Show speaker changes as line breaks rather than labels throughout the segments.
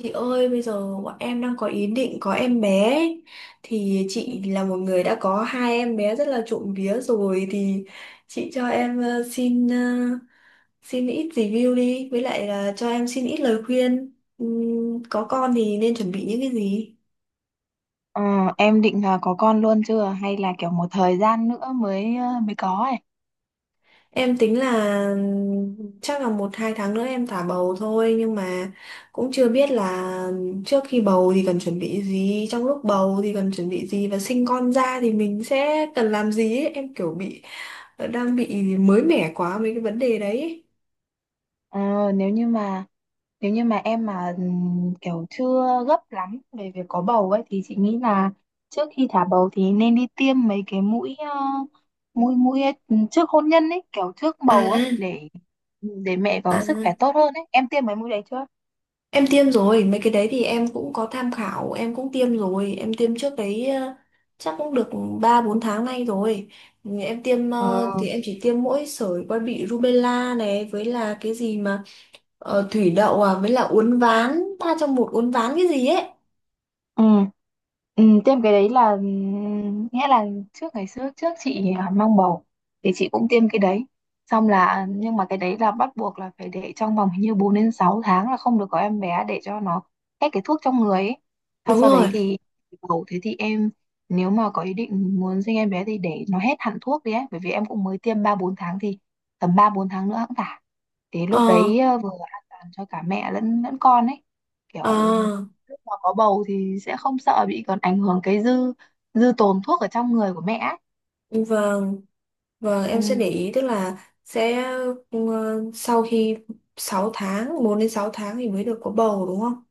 Chị ơi, bây giờ bọn em đang có ý định có em bé ấy. Thì chị là một người đã có 2 em bé rất là trộm vía rồi, thì chị cho em xin ít review, đi với lại là cho em xin ít lời khuyên. Có con thì nên chuẩn bị những cái gì?
Ờ, em định là có con luôn chưa hay là kiểu một thời gian nữa mới mới có ấy.
Em tính là chắc là 1 2 tháng nữa em thả bầu thôi, nhưng mà cũng chưa biết là trước khi bầu thì cần chuẩn bị gì, trong lúc bầu thì cần chuẩn bị gì, và sinh con ra thì mình sẽ cần làm gì ấy. Em kiểu đang bị mới mẻ quá mấy cái vấn đề đấy.
Ờ, nếu như mà nếu như mà em mà kiểu chưa gấp lắm về việc có bầu ấy thì chị nghĩ là trước khi thả bầu thì nên đi tiêm mấy cái mũi ờ, mũi mũi ấy, trước hôn nhân ấy, kiểu trước
À,
bầu ấy để để mẹ có
à.
sức khỏe tốt hơn ấy. Em tiêm mấy mũi đấy chưa?
Em tiêm rồi, mấy cái đấy thì em cũng có tham khảo, em cũng tiêm rồi, em tiêm trước đấy chắc cũng được 3 4 tháng nay rồi. Ừ, em tiêm
Ờ,
thì em chỉ tiêm mỗi sởi quai bị rubella này với là cái gì mà thủy đậu, à với là uốn ván, 3 trong 1 uốn ván cái gì ấy.
ừ. Ừ, tiêm cái đấy là, nghĩa là trước ngày xưa trước chị mang bầu thì chị cũng tiêm cái đấy xong là, nhưng mà cái đấy là bắt buộc là phải để trong vòng hình như 4 đến 6 tháng là không được có em bé để cho nó hết cái thuốc trong người ấy. Sau
Đúng
sau đấy
rồi.
thì bầu thế thì em, nếu mà có ý định muốn sinh em bé thì để nó hết hẳn thuốc đi ấy, bởi vì em cũng mới tiêm 3 4 tháng thì tầm 3 4 tháng nữa cũng phải, thì
Ờ
lúc đấy vừa an toàn cho cả mẹ lẫn lẫn con ấy, kiểu
À,
lúc mà có bầu thì sẽ không sợ bị còn ảnh hưởng cái dư dư tồn thuốc ở trong người của mẹ ấy.
vâng, vâng, em sẽ để ý tức là sẽ ờ, sau khi 6 tháng, 4 đến 6 tháng thì mới được có bầu, đúng không?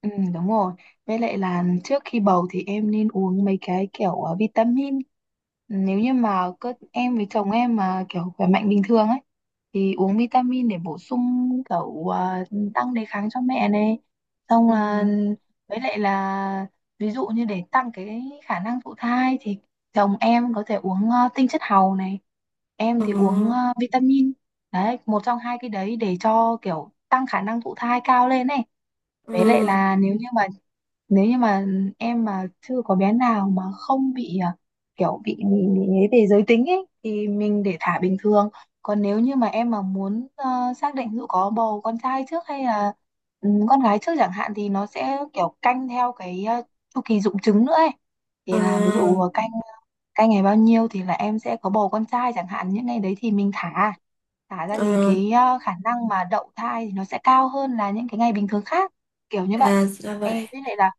Ừ, đúng rồi. Với lại là trước khi bầu thì em nên uống mấy cái kiểu vitamin. Nếu như mà cơ em với chồng em mà kiểu khỏe mạnh bình thường ấy thì uống vitamin để bổ sung kiểu tăng đề kháng cho mẹ này. Xong
Ừ.
là với lại là ví dụ như để tăng cái khả năng thụ thai thì chồng em có thể uống tinh chất hàu này, em
Ờ.
thì uống vitamin. Đấy, một trong hai cái đấy để cho kiểu tăng khả năng thụ thai cao lên này. Với lại
Ừ.
là nếu như mà nếu như mà em mà chưa có bé nào mà không bị kiểu bị ấy về giới tính ấy thì mình để thả bình thường. Còn nếu như mà em mà muốn xác định ví dụ có bầu con trai trước hay là con gái trước chẳng hạn thì nó sẽ kiểu canh theo cái chu kỳ rụng trứng nữa ấy. Thì là ví
À,
dụ canh, ngày bao nhiêu thì là em sẽ có bầu con trai chẳng hạn, những ngày đấy thì mình thả. Thả ra thì
à,
cái khả năng mà đậu thai thì nó sẽ cao hơn là những cái ngày bình thường khác, kiểu như vậy.
à, ra vậy.
Em biết lại là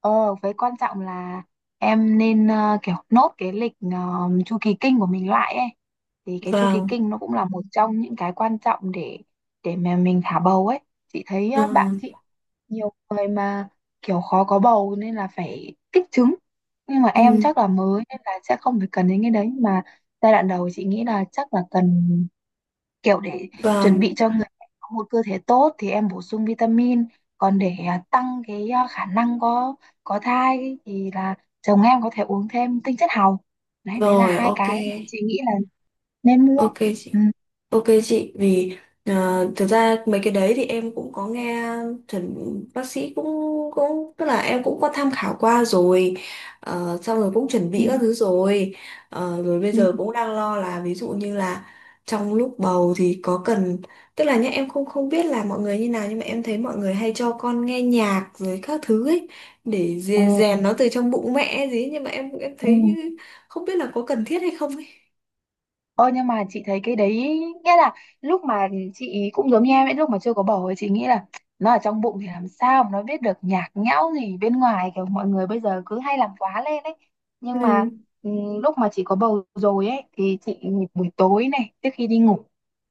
với quan trọng là em nên kiểu nốt cái lịch chu kỳ kinh của mình lại ấy, thì cái chu kỳ
Vâng.
kinh nó cũng là một trong những cái quan trọng để mà mình thả bầu ấy. Chị thấy
À,
bạn chị nhiều người mà kiểu khó có bầu nên là phải kích trứng, nhưng mà em
ừ,
chắc là mới nên là sẽ không phải cần đến cái đấy. Nhưng mà giai đoạn đầu chị nghĩ là chắc là cần, kiểu để chuẩn
vâng.
bị cho người mẹ có một cơ thể tốt thì em bổ sung vitamin, còn để tăng cái khả năng có thai thì là chồng em có thể uống thêm tinh chất hào, đấy đấy là
Rồi,
hai
ok.
cái mà chị nghĩ là nên mua.
Ok chị.
Ừ.
Ok chị, vì à, thực ra mấy cái đấy thì em cũng có nghe chuẩn, bác sĩ cũng cũng tức là em cũng có tham khảo qua rồi. Ờ, xong rồi cũng chuẩn
Ừ.
bị các thứ rồi. Ờ, rồi bây
Ừ.
giờ cũng đang lo là ví dụ như là trong lúc bầu thì có cần, tức là nhá, em không không biết là mọi người như nào, nhưng mà em thấy mọi người hay cho con nghe nhạc rồi các thứ ấy để
Ừ.
rèn nó từ trong bụng mẹ gì ấy. Nhưng mà em em
Ừ.
thấy như- không biết là có cần thiết hay không ấy.
Ơ nhưng mà chị thấy cái đấy, nghĩa là lúc mà chị ý cũng giống như em ấy, lúc mà chưa có bầu ấy chị nghĩ là nó ở trong bụng thì làm sao mà nó biết được nhạc nhẽo gì bên ngoài, kiểu mọi người bây giờ cứ hay làm quá lên ấy.
Ừ.
Nhưng mà lúc mà chị có bầu rồi ấy thì chị buổi tối này trước khi đi ngủ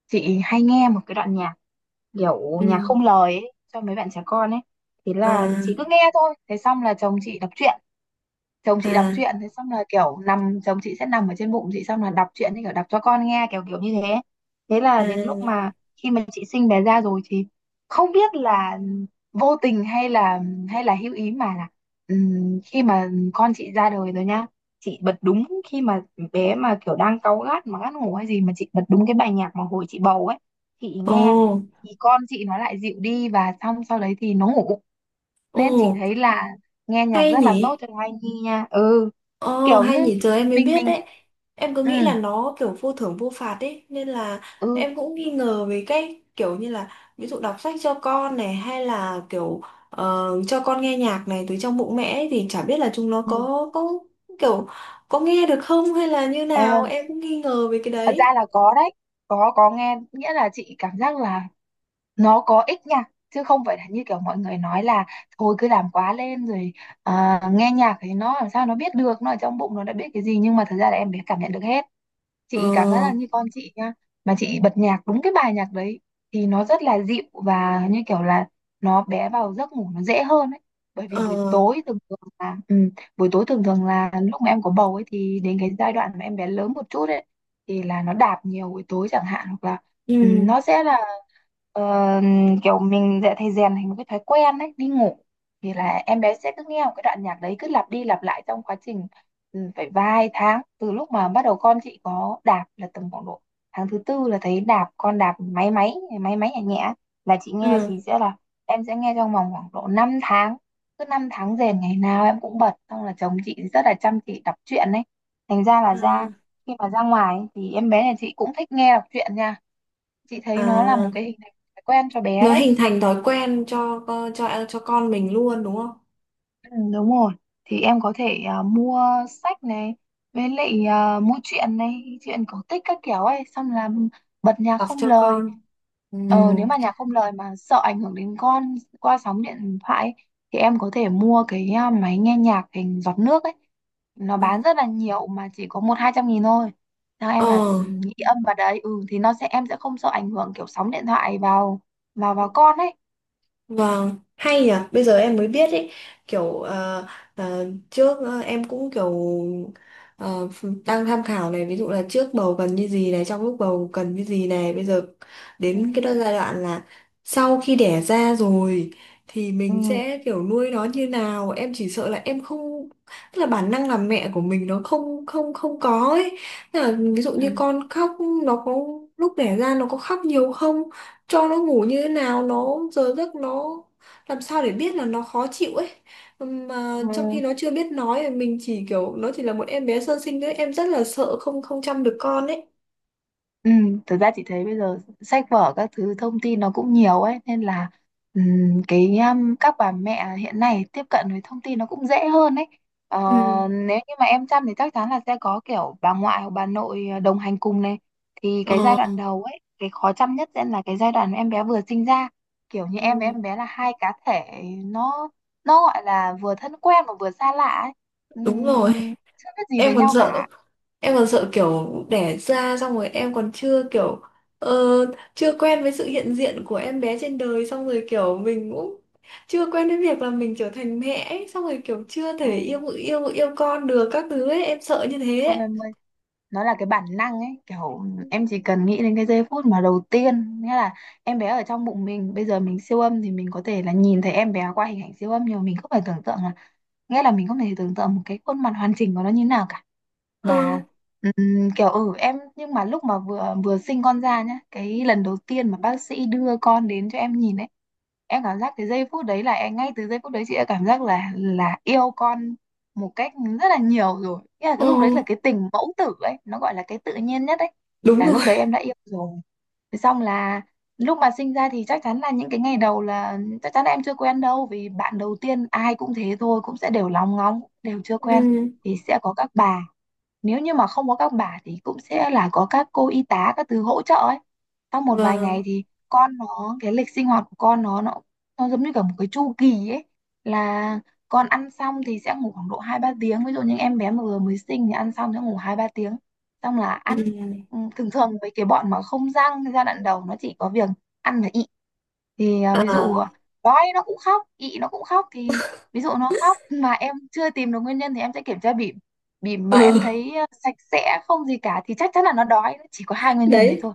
chị hay nghe một cái đoạn nhạc, kiểu nhạc
Ừ.
không lời ấy cho mấy bạn trẻ con ấy, thì là
À,
chị cứ nghe thôi, thế xong là chồng chị đọc truyện.
à.
Thế xong là kiểu nằm, chồng chị sẽ nằm ở trên bụng chị xong là đọc truyện, thì kiểu đọc cho con nghe kiểu kiểu như thế. Thế là đến lúc
À,
mà khi mà chị sinh bé ra rồi thì không biết là vô tình hay là hữu ý mà là, khi mà con chị ra đời rồi nhá, chị bật đúng khi mà bé mà kiểu đang cáu gắt mà ngắt ngủ hay gì mà chị bật đúng cái bài nhạc mà hồi chị bầu ấy chị
ồ,
nghe, thì con chị nó lại dịu đi và xong sau đấy thì nó ngủ,
ồ,
nên chị thấy là nghe nhạc
hay
rất là tốt
nhỉ?
cho thai nhi nha. Ừ,
Ồ,
kiểu như
hay nhỉ, giờ em mới
mình
biết đấy. Em cứ
ừ
nghĩ là nó kiểu vô thưởng vô phạt ấy, nên là
ừ.
em cũng nghi ngờ về cái kiểu như là ví dụ đọc sách cho con này hay là kiểu cho con nghe nhạc này từ trong bụng mẹ ấy, thì chả biết là chúng nó
Ừ.
có kiểu có nghe được không hay là như
Ờ,
nào, em cũng nghi ngờ về cái
thật ra
đấy.
là có đấy, có nghe nghĩa là chị cảm giác là nó có ích nha, chứ không phải là như kiểu mọi người nói là thôi cứ làm quá lên rồi, nghe nhạc thì nó làm sao nó biết được, nó ở trong bụng nó đã biết cái gì, nhưng mà thật ra là em bé cảm nhận được hết.
Ờ,
Chị cảm giác là như con chị nha, mà chị bật nhạc đúng cái bài nhạc đấy thì nó rất là dịu, và như kiểu là nó bé vào giấc ngủ nó dễ hơn ấy. Bởi vì buổi
ờ,
tối thường thường là buổi tối thường thường là lúc mà em có bầu ấy, thì đến cái giai đoạn mà em bé lớn một chút ấy thì là nó đạp nhiều buổi tối chẳng hạn, hoặc là
ừ,
nó sẽ là ờ, kiểu mình sẽ thấy rèn thành một cái thói quen ấy, đi ngủ thì là em bé sẽ cứ nghe một cái đoạn nhạc đấy cứ lặp đi lặp lại trong quá trình, phải vài tháng. Từ lúc mà bắt đầu con chị có đạp là tầm khoảng độ tháng thứ 4 là thấy đạp, con đạp máy máy nhẹ nhẹ là chị nghe,
ừ,
thì sẽ là em sẽ nghe trong vòng khoảng độ 5 tháng, cứ 5 tháng rền ngày nào em cũng bật, xong là chồng chị rất là chăm chỉ đọc truyện đấy, thành ra là ra
ừ,
khi mà ra ngoài ấy, thì em bé nhà chị cũng thích nghe đọc truyện nha. Chị thấy nó là
à.
một cái hình thành thói quen cho bé
Nó
đấy.
hình thành thói quen cho cho con mình luôn, đúng không?
Ừ, đúng rồi, thì em có thể mua sách này, với lại mua truyện này, truyện cổ tích các kiểu ấy, xong là bật nhạc
Tập
không
cho
lời.
con. Ừ.
Nếu mà nhạc không lời mà sợ ảnh hưởng đến con qua sóng điện thoại ấy, thì em có thể mua cái máy nghe nhạc hình giọt nước ấy, nó
ờ
bán rất là nhiều mà chỉ có 100 200 nghìn thôi, theo
Ờ.
em là nghĩ âm vào đấy ừ, thì nó sẽ em sẽ không sợ ảnh hưởng kiểu sóng điện thoại vào vào vào con ấy.
Vâng, hay nhỉ, bây giờ em mới biết ấy, kiểu em cũng kiểu ờ, đang tham khảo này, ví dụ là trước bầu cần như gì này, trong lúc bầu cần như gì này, bây giờ
Ừ.
đến cái giai đoạn là sau khi đẻ ra rồi thì mình
Ừ.
sẽ kiểu nuôi nó như nào. Em chỉ sợ là em không tức là bản năng làm mẹ của mình nó không không không có ấy. Tức là ví dụ như con khóc nó có lúc đẻ ra nó có khóc nhiều không? Cho nó ngủ như thế nào, nó giờ giấc nó làm sao để biết là nó khó chịu ấy, mà
Ừ.
trong khi nó chưa biết nói, mình chỉ kiểu nó chỉ là một em bé sơ sinh thôi, em rất là sợ không không chăm được con ấy.
Ừ, thật ra chị thấy bây giờ sách vở các thứ thông tin nó cũng nhiều ấy, nên là cái các bà mẹ hiện nay tiếp cận với thông tin nó cũng dễ hơn ấy. Ờ,
Ừ.
nếu như mà em chăm thì chắc chắn là sẽ có kiểu bà ngoại hoặc bà nội đồng hành cùng này, thì cái giai
ờ
đoạn đầu ấy cái khó chăm nhất sẽ là cái giai đoạn em bé vừa sinh ra, kiểu như em với
Ừ.
em bé là hai cá thể, nó gọi là vừa thân quen mà vừa xa lạ ấy.
Đúng rồi,
Chưa biết gì về
em còn
nhau cả.
sợ em còn sợ kiểu đẻ ra xong rồi, em còn chưa kiểu ờ, chưa quen với sự hiện diện của em bé trên đời, xong rồi kiểu mình cũng chưa quen với việc là mình trở thành mẹ ấy, xong rồi kiểu chưa thể
Ừ.
yêu con được các thứ ấy, em sợ như thế
Không
ấy.
em, nó là cái bản năng ấy, kiểu em chỉ cần nghĩ đến cái giây phút mà đầu tiên, nghĩa là em bé ở trong bụng mình, bây giờ mình siêu âm thì mình có thể là nhìn thấy em bé qua hình ảnh siêu âm, nhưng mà mình không phải tưởng tượng, nghĩa là mình không thể tưởng tượng một cái khuôn mặt hoàn chỉnh của nó như nào cả.
Ừ,
Mà kiểu em, nhưng mà lúc mà vừa vừa sinh con ra nhá, cái lần đầu tiên mà bác sĩ đưa con đến cho em nhìn ấy, em cảm giác cái giây phút đấy là em, ngay từ giây phút đấy chị đã cảm giác là yêu con một cách rất là nhiều rồi, nghĩa là cái lúc đấy
ừ,
là cái tình mẫu tử ấy, nó gọi là cái tự nhiên nhất ấy,
đúng
là lúc
rồi.
đấy em đã yêu rồi. Thế xong là lúc mà sinh ra thì chắc chắn là những cái ngày đầu là, chắc chắn là em chưa quen đâu, vì bạn đầu tiên ai cũng thế thôi, cũng sẽ đều lóng ngóng đều chưa quen,
Ừ,
thì sẽ có các bà, nếu như mà không có các bà thì cũng sẽ là có các cô y tá các thứ hỗ trợ ấy. Sau một vài
vâng.
ngày thì con nó, cái lịch sinh hoạt của con nó giống như cả một cái chu kỳ ấy, là con ăn xong thì sẽ ngủ khoảng độ 2 3 tiếng, ví dụ như em bé mà vừa mới sinh thì ăn xong sẽ ngủ 2 3 tiếng, xong là
Ừ.
ăn. Ừ, thường thường với cái bọn mà không răng giai đoạn đầu nó chỉ có việc ăn và y, thì ví
À,
dụ quái nó cũng khóc, ị nó cũng khóc, thì ví dụ nó khóc mà em chưa tìm được nguyên nhân thì em sẽ kiểm tra bỉm. Bỉm mà em
ừ,
thấy sạch sẽ không gì cả thì chắc chắn là nó đói, nó chỉ có hai nguyên nhân đấy
đấy.
thôi.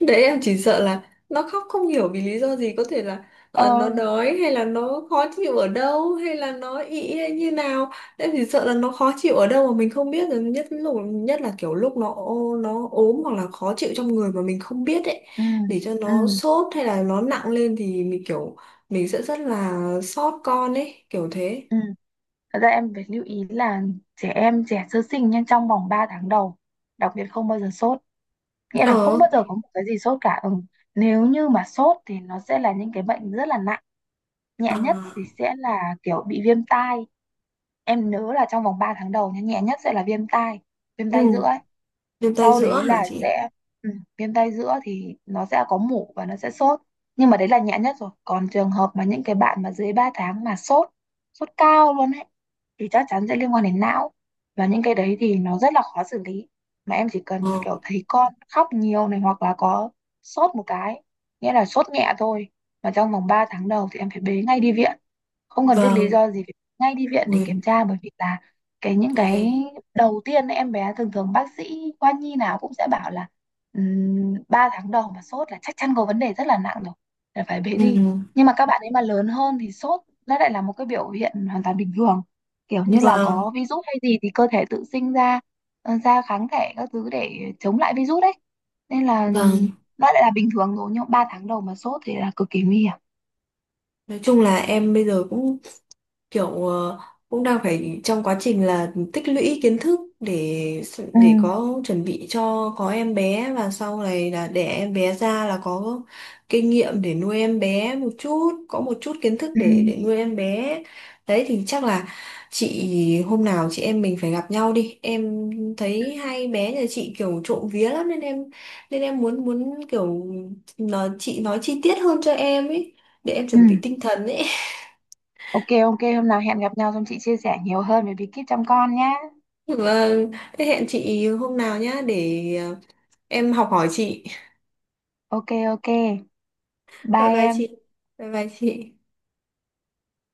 Đấy, em chỉ sợ là nó khóc không hiểu vì lý do gì, có thể là
ờ
nó đói hay là nó khó chịu ở đâu hay là nó ị hay như nào. Em chỉ sợ là nó khó chịu ở đâu mà mình không biết, rồi nhất là kiểu lúc nó ốm hoặc là khó chịu trong người mà mình không biết ấy,
ừ
để cho
ừ
nó sốt hay là nó nặng lên thì mình sẽ rất là xót con ấy, kiểu thế.
ừ Thật ra em phải lưu ý là trẻ em, trẻ sơ sinh nha, trong vòng 3 tháng đầu đặc biệt không bao giờ sốt, nghĩa là không
ờ
bao giờ có một cái gì sốt cả. Ừ. Nếu như mà sốt thì nó sẽ là những cái bệnh rất là nặng, nhẹ nhất
À,
thì sẽ là kiểu bị viêm tai. Em nhớ là trong vòng 3 tháng đầu nha, nhẹ nhất sẽ là viêm
ừ,
tai giữa.
viêm tay
Sau đấy
giữa hả
là
chị?
sẽ ừ, viêm tay giữa thì nó sẽ có mủ và nó sẽ sốt, nhưng mà đấy là nhẹ nhất rồi. Còn trường hợp mà những cái bạn mà dưới 3 tháng mà sốt, sốt cao luôn ấy, thì chắc chắn sẽ liên quan đến não, và những cái đấy thì nó rất là khó xử lý. Mà em chỉ
ờ
cần kiểu thấy con khóc nhiều này, hoặc là có sốt một cái, nghĩa là sốt nhẹ thôi, mà trong vòng 3 tháng đầu thì em phải bế ngay đi viện, không cần biết lý
vâng.
do gì phải bế ngay đi viện để
Ui,
kiểm tra, bởi vì là cái những cái
ui.
đầu tiên ấy, em bé thường thường bác sĩ khoa nhi nào cũng sẽ bảo là 3 tháng đầu mà sốt là chắc chắn có vấn đề rất là nặng rồi, là phải bế
Ừ,
đi. Nhưng mà các bạn ấy mà lớn hơn thì sốt nó lại là một cái biểu hiện hoàn toàn bình thường, kiểu như là
vâng,
có virus hay gì thì cơ thể tự sinh ra ra kháng thể các thứ để chống lại virus đấy, nên là
vâng.
nó lại là bình thường rồi. Nhưng 3 tháng đầu mà sốt thì là cực kỳ nguy hiểm.
Nói chung là em bây giờ cũng kiểu cũng đang phải trong quá trình là tích lũy kiến thức để
Ừ.
có chuẩn bị cho có em bé, và sau này là để em bé ra là có kinh nghiệm để nuôi em bé một chút, có một chút kiến thức
Ừ.
để nuôi em bé. Đấy thì chắc là chị, hôm nào chị em mình phải gặp nhau đi. Em thấy 2 bé nhà chị kiểu trộm vía lắm, nên em muốn muốn kiểu chị nói chi tiết hơn cho em ấy, để em
Ừ.
chuẩn bị tinh thần ấy.
Ok, ok, hôm nào hẹn gặp nhau xong chị chia sẻ nhiều hơn về bí kíp chăm con nhé.
Vâng, thế hẹn chị hôm nào nhá, để em học hỏi chị.
Ok, ok.
Bye
Bye
bye
em.
chị. Bye bye chị.